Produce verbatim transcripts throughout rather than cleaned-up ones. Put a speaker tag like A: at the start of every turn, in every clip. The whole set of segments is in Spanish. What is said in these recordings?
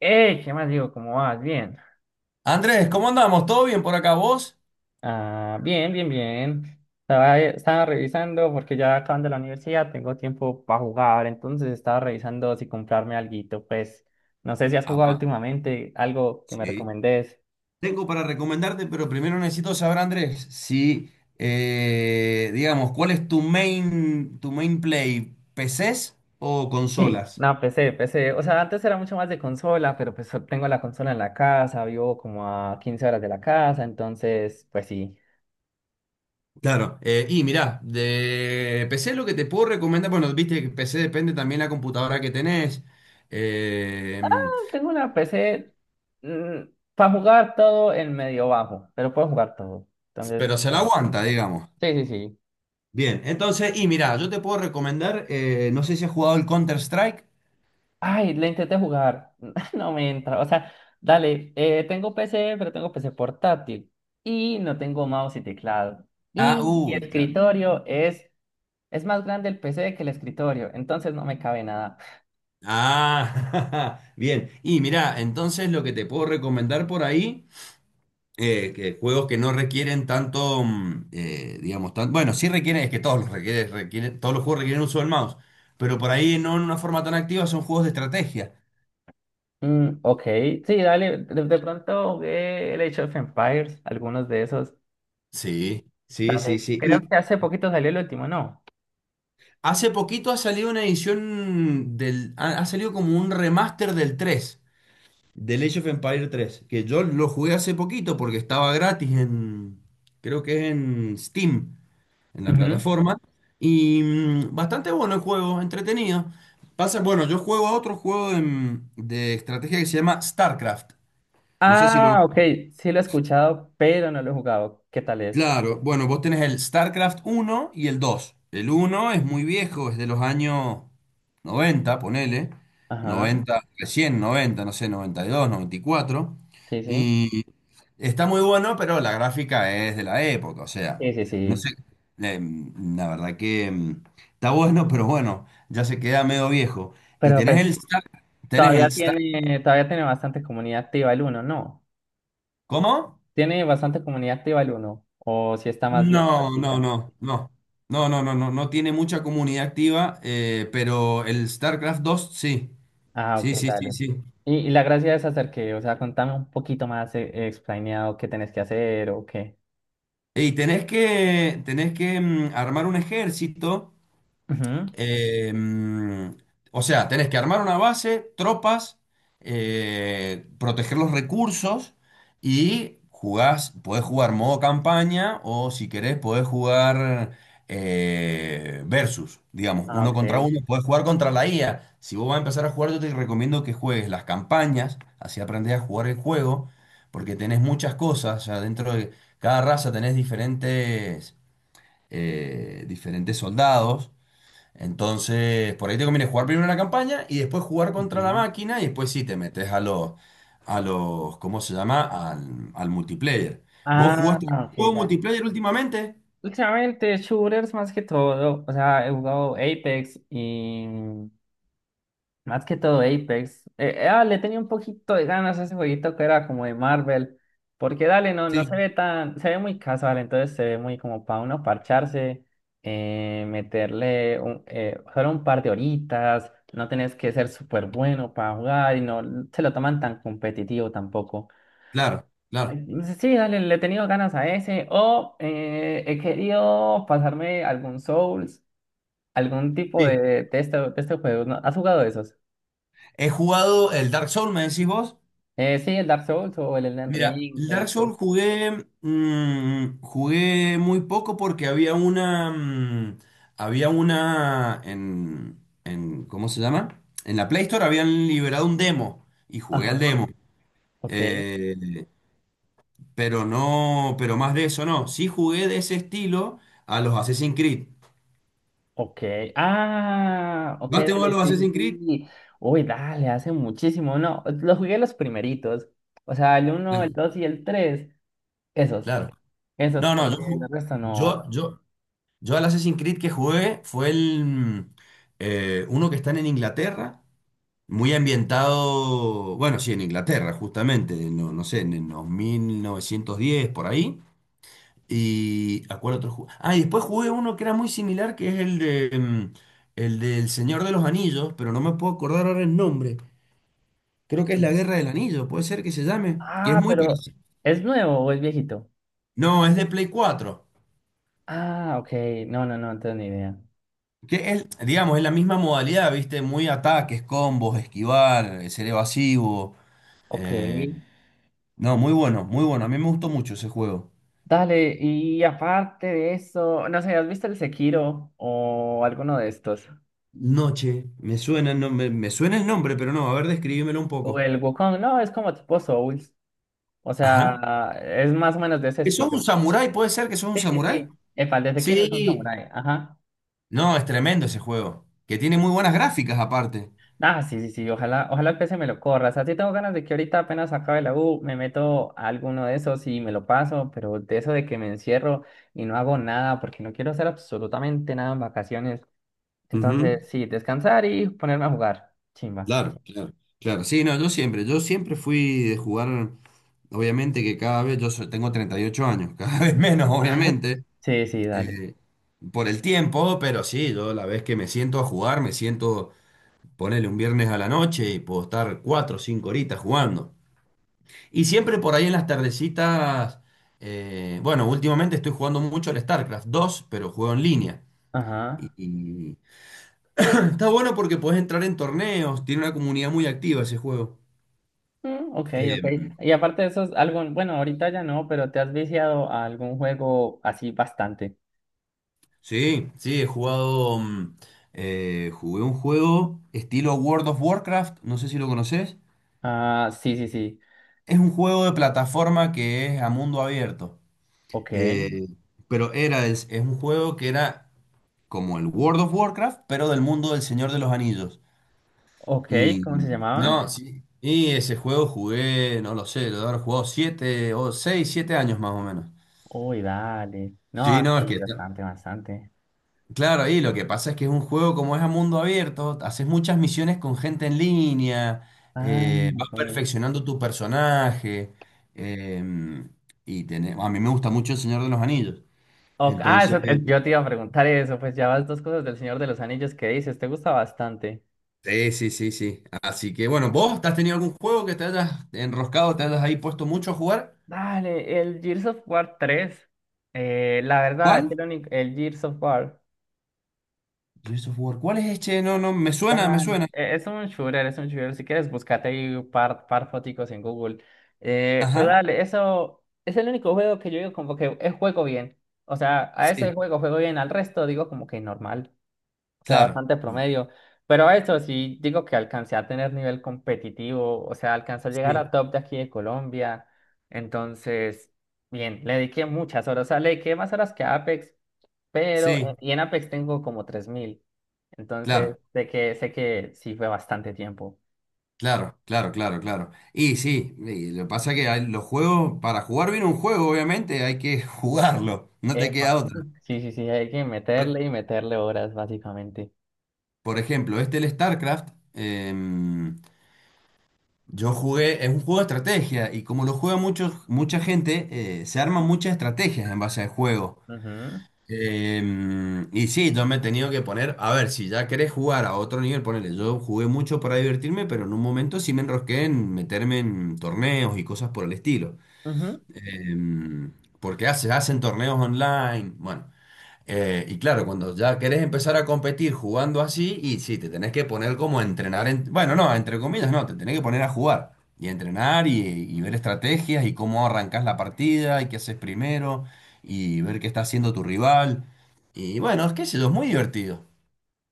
A: ¡Ey! ¿Qué más digo? ¿Cómo vas? Bien.
B: Andrés, ¿cómo andamos? ¿Todo bien por acá vos?
A: Ah, bien, bien, bien. Estaba, estaba revisando porque ya acaban de la universidad, tengo tiempo para jugar, entonces estaba revisando si comprarme alguito. Pues no sé si has jugado
B: Apa,
A: últimamente algo que me
B: sí.
A: recomendés.
B: Tengo para recomendarte, pero primero necesito saber, Andrés, si, eh, digamos, ¿cuál es tu main, tu main play? ¿P Cs o
A: Sí,
B: consolas?
A: no, P C, P C. O sea, antes era mucho más de consola, pero pues tengo la consola en la casa, vivo como a quince horas de la casa, entonces, pues sí.
B: Claro, eh, y mirá, de P C lo que te puedo recomendar, bueno, viste que P C depende también la computadora que tenés, eh,
A: Tengo una P C para jugar todo en medio bajo, pero puedo jugar todo.
B: pero
A: Entonces,
B: se la
A: bien.
B: aguanta, digamos.
A: Sí, sí, sí.
B: Bien, entonces, y mirá, yo te puedo recomendar, eh, no sé si has jugado el Counter-Strike.
A: Ay, le intenté jugar. No me entra. O sea, dale, eh, tengo P C, pero tengo P C portátil. Y no tengo mouse y teclado.
B: Ah,
A: Y mi
B: uy, claro.
A: escritorio es, es más grande el P C que el escritorio. Entonces no me cabe nada.
B: Ah, bien. Y mira, entonces lo que te puedo recomendar por ahí, eh, que juegos que no requieren tanto, mm, eh, digamos, tan- bueno, sí requieren, es que todos los requieren, requieren- todos los juegos requieren uso del mouse, pero por ahí no en una forma tan activa son juegos de estrategia.
A: Mm, ok, sí, dale. De, de pronto jugué el Age of Empires, algunos de esos.
B: Sí, sí, sí,
A: Dale,
B: sí. Y
A: creo que hace poquito salió el último, ¿no?
B: hace poquito ha salido una edición del, ha, ha salido como un remaster del tres, del Age of Empire tres, que yo lo jugué hace poquito porque estaba gratis en, creo que es en Steam, en la
A: Ujú.
B: plataforma. Y mm, bastante bueno el juego, entretenido. Pasa, bueno, yo juego a otro juego en- de estrategia que se llama StarCraft. No sé si
A: Ah,
B: lo.
A: ok, sí lo he escuchado, pero no lo he jugado. ¿Qué tal es?
B: Claro, bueno, vos tenés el StarCraft uno y el dos. El uno es muy viejo, es de los años noventa, ponele,
A: Ajá,
B: noventa, recién noventa, no sé, noventa y dos, noventa y cuatro.
A: sí, sí.
B: Y cuatro. Y está muy bueno, pero la gráfica es de la época, o sea,
A: Sí, sí,
B: no sé,
A: sí.
B: eh, la verdad que mm, está bueno, pero bueno, ya se queda medio viejo. Y
A: Pero
B: tenés el
A: pues
B: Star, tenés el
A: todavía
B: Star,
A: tiene, todavía tiene bastante comunidad activa el uno, ¿no?
B: ¿cómo?
A: Tiene bastante comunidad activa el uno o si está más bien
B: No, no,
A: práctica.
B: no, no. No, no, no, no, no tiene mucha comunidad activa, eh, pero el StarCraft dos sí.
A: Ah, ok,
B: Sí, sí, sí,
A: dale.
B: sí.
A: Y, y la gracia es hacer que, o sea, contame un poquito más, eh, explaneado qué tenés que hacer o qué.
B: Y tenés que, tenés que mm, armar un ejército.
A: Ujú.
B: Eh, mm, o sea, tenés que armar una base, tropas, eh, proteger los recursos y jugás, podés jugar modo campaña o si querés podés jugar, eh, versus, digamos,
A: Ah,
B: uno contra
A: ok.
B: uno, podés jugar contra la I A. Si vos vas a empezar a jugar, yo te recomiendo que juegues las campañas, así aprendés a jugar el juego, porque tenés muchas cosas, o sea, dentro de cada raza tenés diferentes, eh, diferentes soldados. Entonces, por ahí te conviene jugar primero la campaña y después jugar contra la
A: Ujú.
B: máquina y después sí te metes a los, a los, ¿cómo se llama? Al, al multiplayer. ¿Vos
A: Ah,
B: jugaste
A: ok,
B: juego
A: dale.
B: multiplayer últimamente?
A: Últimamente, shooters más que todo. O sea, he jugado Apex y más que todo Apex. Eh, eh, ah, le tenía un poquito de ganas a ese jueguito que era como de Marvel. Porque dale, no, no se
B: Sí,
A: ve tan, se ve muy casual, entonces se ve muy como para uno parcharse, eh, meterle un, eh, solo un par de horitas, no tenés que ser súper bueno para jugar y no se lo toman tan competitivo tampoco.
B: claro, claro.
A: Entonces, sí, dale, le he tenido ganas a ese. O eh, he querido pasarme algún Souls, algún tipo
B: Sí.
A: de, de, este, de este juego. ¿No? ¿Has jugado esos?
B: He jugado el Dark Souls, ¿me decís vos?
A: Eh, sí, el Dark Souls o el Elden
B: Mira,
A: Ring,
B: el Dark
A: el Souls.
B: Souls jugué, mm, jugué muy poco porque había una, mm, había una en, en, ¿cómo se llama? En la Play Store habían liberado un demo y jugué al
A: Ajá,
B: demo.
A: ok,
B: Eh, pero no, pero más de eso no. Sí jugué de ese estilo a los Assassin's Creed.
A: ok. Ah, ok,
B: ¿Vas te vos a
A: dale,
B: los
A: sí, sí,
B: Assassin's Creed?
A: sí. Uy, dale, hace muchísimo, no, los jugué los primeritos, o sea, el uno, el
B: Claro,
A: dos y el tres, esos,
B: claro.
A: esos,
B: No, no, yo,
A: porque el
B: ju-
A: resto
B: yo,
A: no.
B: yo, yo al Assassin's Creed que jugué fue el mm, eh, uno que están en Inglaterra, muy ambientado, bueno, sí, en Inglaterra, justamente, no, no sé, en los mil novecientos diez, por ahí. ¿Y a cuál otro jugué? Ah, y después jugué uno que era muy similar, que es el de, mm, el del Señor de los Anillos, pero no me puedo acordar ahora el nombre. Creo que es la Guerra del Anillo, puede ser que se llame, que es
A: Ah,
B: muy
A: pero
B: parecido.
A: ¿es nuevo o es viejito?
B: No, es de Play cuatro.
A: Ah, ok, no, no, no, no tengo ni idea.
B: Que es, digamos, es la misma modalidad, ¿viste? Muy ataques, combos, esquivar, eh, ser evasivo.
A: Ok,
B: eh, No, muy bueno, muy bueno. A mí me gustó mucho ese juego.
A: dale, y aparte de eso, no sé, ¿has visto el Sekiro o alguno de estos?
B: Noche, me suena, el nombre- me, suena el nombre, pero no, a ver, describímelo un
A: O
B: poco.
A: el Wukong, no, es como tipo Souls. O
B: Ajá.
A: sea, es más o menos de ese
B: ¿Que sos un
A: estilo.
B: samurái? ¿Puede ser que sos un
A: Sí, sí,
B: samurái?
A: sí. Epa, el de Sekiro es un
B: Sí,
A: samurái. Ajá.
B: no, es tremendo ese juego, que tiene muy buenas gráficas aparte.
A: Ah, sí, sí, sí. Ojalá, ojalá el P C me lo corra. O sea, sí tengo ganas de que ahorita apenas acabe la U, me meto a alguno de esos y me lo paso, pero de eso de que me encierro y no hago nada porque no quiero hacer absolutamente nada en vacaciones. Entonces,
B: Ujú,
A: sí, descansar y ponerme a jugar. Chimba.
B: claro, claro, claro. Sí, no, yo siempre, yo siempre fui de jugar, obviamente que cada vez, yo so- tengo treinta y ocho años, cada vez menos, obviamente,
A: Sí, sí, dale.
B: eh, por el tiempo, pero sí, yo la vez que me siento a jugar, me siento, ponerle un viernes a la noche y puedo estar cuatro o cinco horitas jugando. Y siempre por ahí en las tardecitas, eh, bueno, últimamente estoy jugando mucho al StarCraft dos, pero juego en línea.
A: Ajá.
B: Y está bueno porque puedes entrar en torneos, tiene una comunidad muy activa ese juego.
A: Mm, ok,
B: Eh,
A: ok. Y aparte de eso, es algo, bueno, ahorita ya no, pero ¿te has viciado a algún juego así bastante?
B: sí, sí, he jugado, mm, eh, jugué un juego estilo World of Warcraft, no sé si lo conoces.
A: Ah, sí, sí, sí.
B: Es un juego de plataforma que es a mundo abierto.
A: Ok,
B: Eh, pero era, es, es un juego que era como el World of Warcraft, pero del mundo del Señor de los Anillos.
A: ok,
B: Y
A: ¿cómo se
B: no,
A: llamaba?
B: sí. Y ese juego jugué, no lo sé, lo he de haber jugado siete o seis, siete años más o menos.
A: Uy, dale.
B: Sí,
A: No,
B: no, es
A: sí,
B: que,
A: bastante, bastante.
B: claro, y lo que pasa es que es un juego como es a mundo abierto, haces muchas misiones con gente en línea,
A: Ah,
B: eh, vas
A: ok.
B: perfeccionando tu personaje, eh, y tenés- a mí me gusta mucho El Señor de los Anillos.
A: Ok. Ah, eso,
B: Entonces,
A: eh, yo te iba a preguntar eso, pues ya vas dos cosas del Señor de los Anillos que dices, te gusta bastante.
B: sí, sí, sí, sí. Así que bueno, ¿vos te has tenido algún juego que te hayas enroscado, te hayas ahí puesto mucho a jugar?
A: Dale, el Gears of War tres. Eh, la verdad, es que
B: ¿Cuál?
A: el único, el Gears of War.
B: Gears of War. ¿Cuál es este? No, no, me suena, me suena.
A: Dale, e- es un shooter, es un shooter. Si quieres, búscate ahí un par, par foticos en Google. Eh, pero
B: Ajá,
A: dale, eso es el único juego que yo digo como que eh, juego bien. O sea, a ese
B: sí,
A: juego juego bien, al resto digo como que normal. O sea,
B: claro,
A: bastante promedio. Pero a eso sí digo que alcancé a tener nivel competitivo. O sea, alcancé a llegar a
B: sí,
A: top de aquí de Colombia. Entonces, bien, le dediqué muchas horas. O sea, le dediqué más horas que a Apex. Pero,
B: sí,
A: eh, y en Apex tengo como tres mil. Entonces,
B: claro.
A: sé que, sé que sí fue bastante tiempo.
B: Claro, claro, claro, claro. Y sí, y lo que pasa es que hay- los juegos, para jugar bien un juego, obviamente, hay que jugarlo, no te
A: Epa.
B: queda otra.
A: Sí, sí, sí, hay que
B: Por,
A: meterle y meterle horas, básicamente.
B: por ejemplo, este el StarCraft, em, yo jugué, es un juego de estrategia, y como lo juega mucho, mucha gente, eh, se arman muchas estrategias en base al juego.
A: Ujú,
B: Em, y sí, yo me he tenido que poner, a ver, si ya querés jugar a otro nivel, ponele, yo jugué mucho para divertirme, pero en un momento sí me enrosqué en meterme en torneos y cosas por el estilo.
A: ujú.
B: Em, Porque hace, hacen torneos online. Bueno, eh, y claro, cuando ya querés empezar a competir jugando así, y sí, te tenés que poner como a entrenar. En- bueno, no, entre comillas, no, te tenés que poner a jugar y a entrenar y, y ver estrategias y cómo arrancás la partida y qué haces primero y ver qué está haciendo tu rival. Y bueno, es que sé yo, es muy divertido.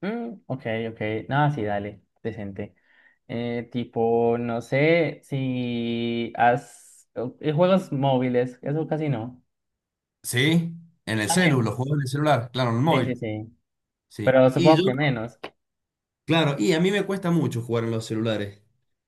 A: Mm, ok, ok. Nada, sí, dale, decente. Eh, tipo, no sé si has... o- eh, Juegos móviles, eso casi no.
B: Sí, en el celu,
A: También.
B: los juegos en el celular, claro, en el
A: Sí, sí,
B: móvil.
A: sí.
B: Sí.
A: Pero
B: Y
A: supongo
B: yo.
A: que menos.
B: Claro, y a mí me cuesta mucho jugar en los celulares.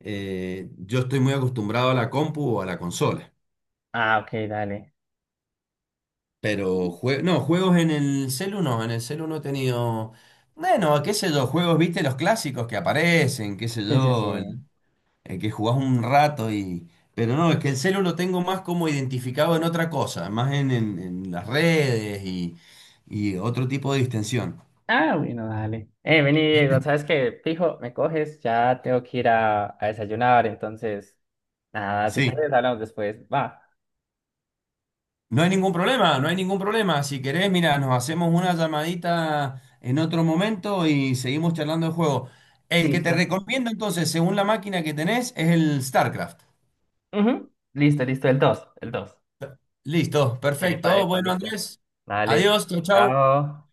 B: Eh, yo estoy muy acostumbrado a la compu o a la consola.
A: Ah, ok, dale.
B: Pero jue- no, juegos en el celu no, en el celu no he tenido. Bueno, qué sé yo, juegos, viste, los clásicos que aparecen, qué sé
A: Sí, sí, sí.
B: yo, el, el que jugás un rato y. Pero no, es que el celu lo tengo más como identificado en otra cosa, más en, en- en las redes y, y otro tipo de distensión.
A: Ah, bueno, dale. Eh, vení, Diego, ¿sabes qué? Fijo, me coges, ya tengo que ir a, a desayunar, entonces, nada, si
B: Sí.
A: quieres hablamos después. Va.
B: No hay ningún problema, no hay ningún problema. Si querés, mira, nos hacemos una llamadita en otro momento y seguimos charlando el juego. El que te
A: Listo.
B: recomiendo entonces, según la máquina que tenés, es el StarCraft.
A: Ujú. Listo, listo, el dos el dos.
B: Listo,
A: Epa,
B: perfecto.
A: epa,
B: Bueno,
A: listo.
B: Andrés,
A: Dale.
B: adiós, chau, chau.
A: Chao.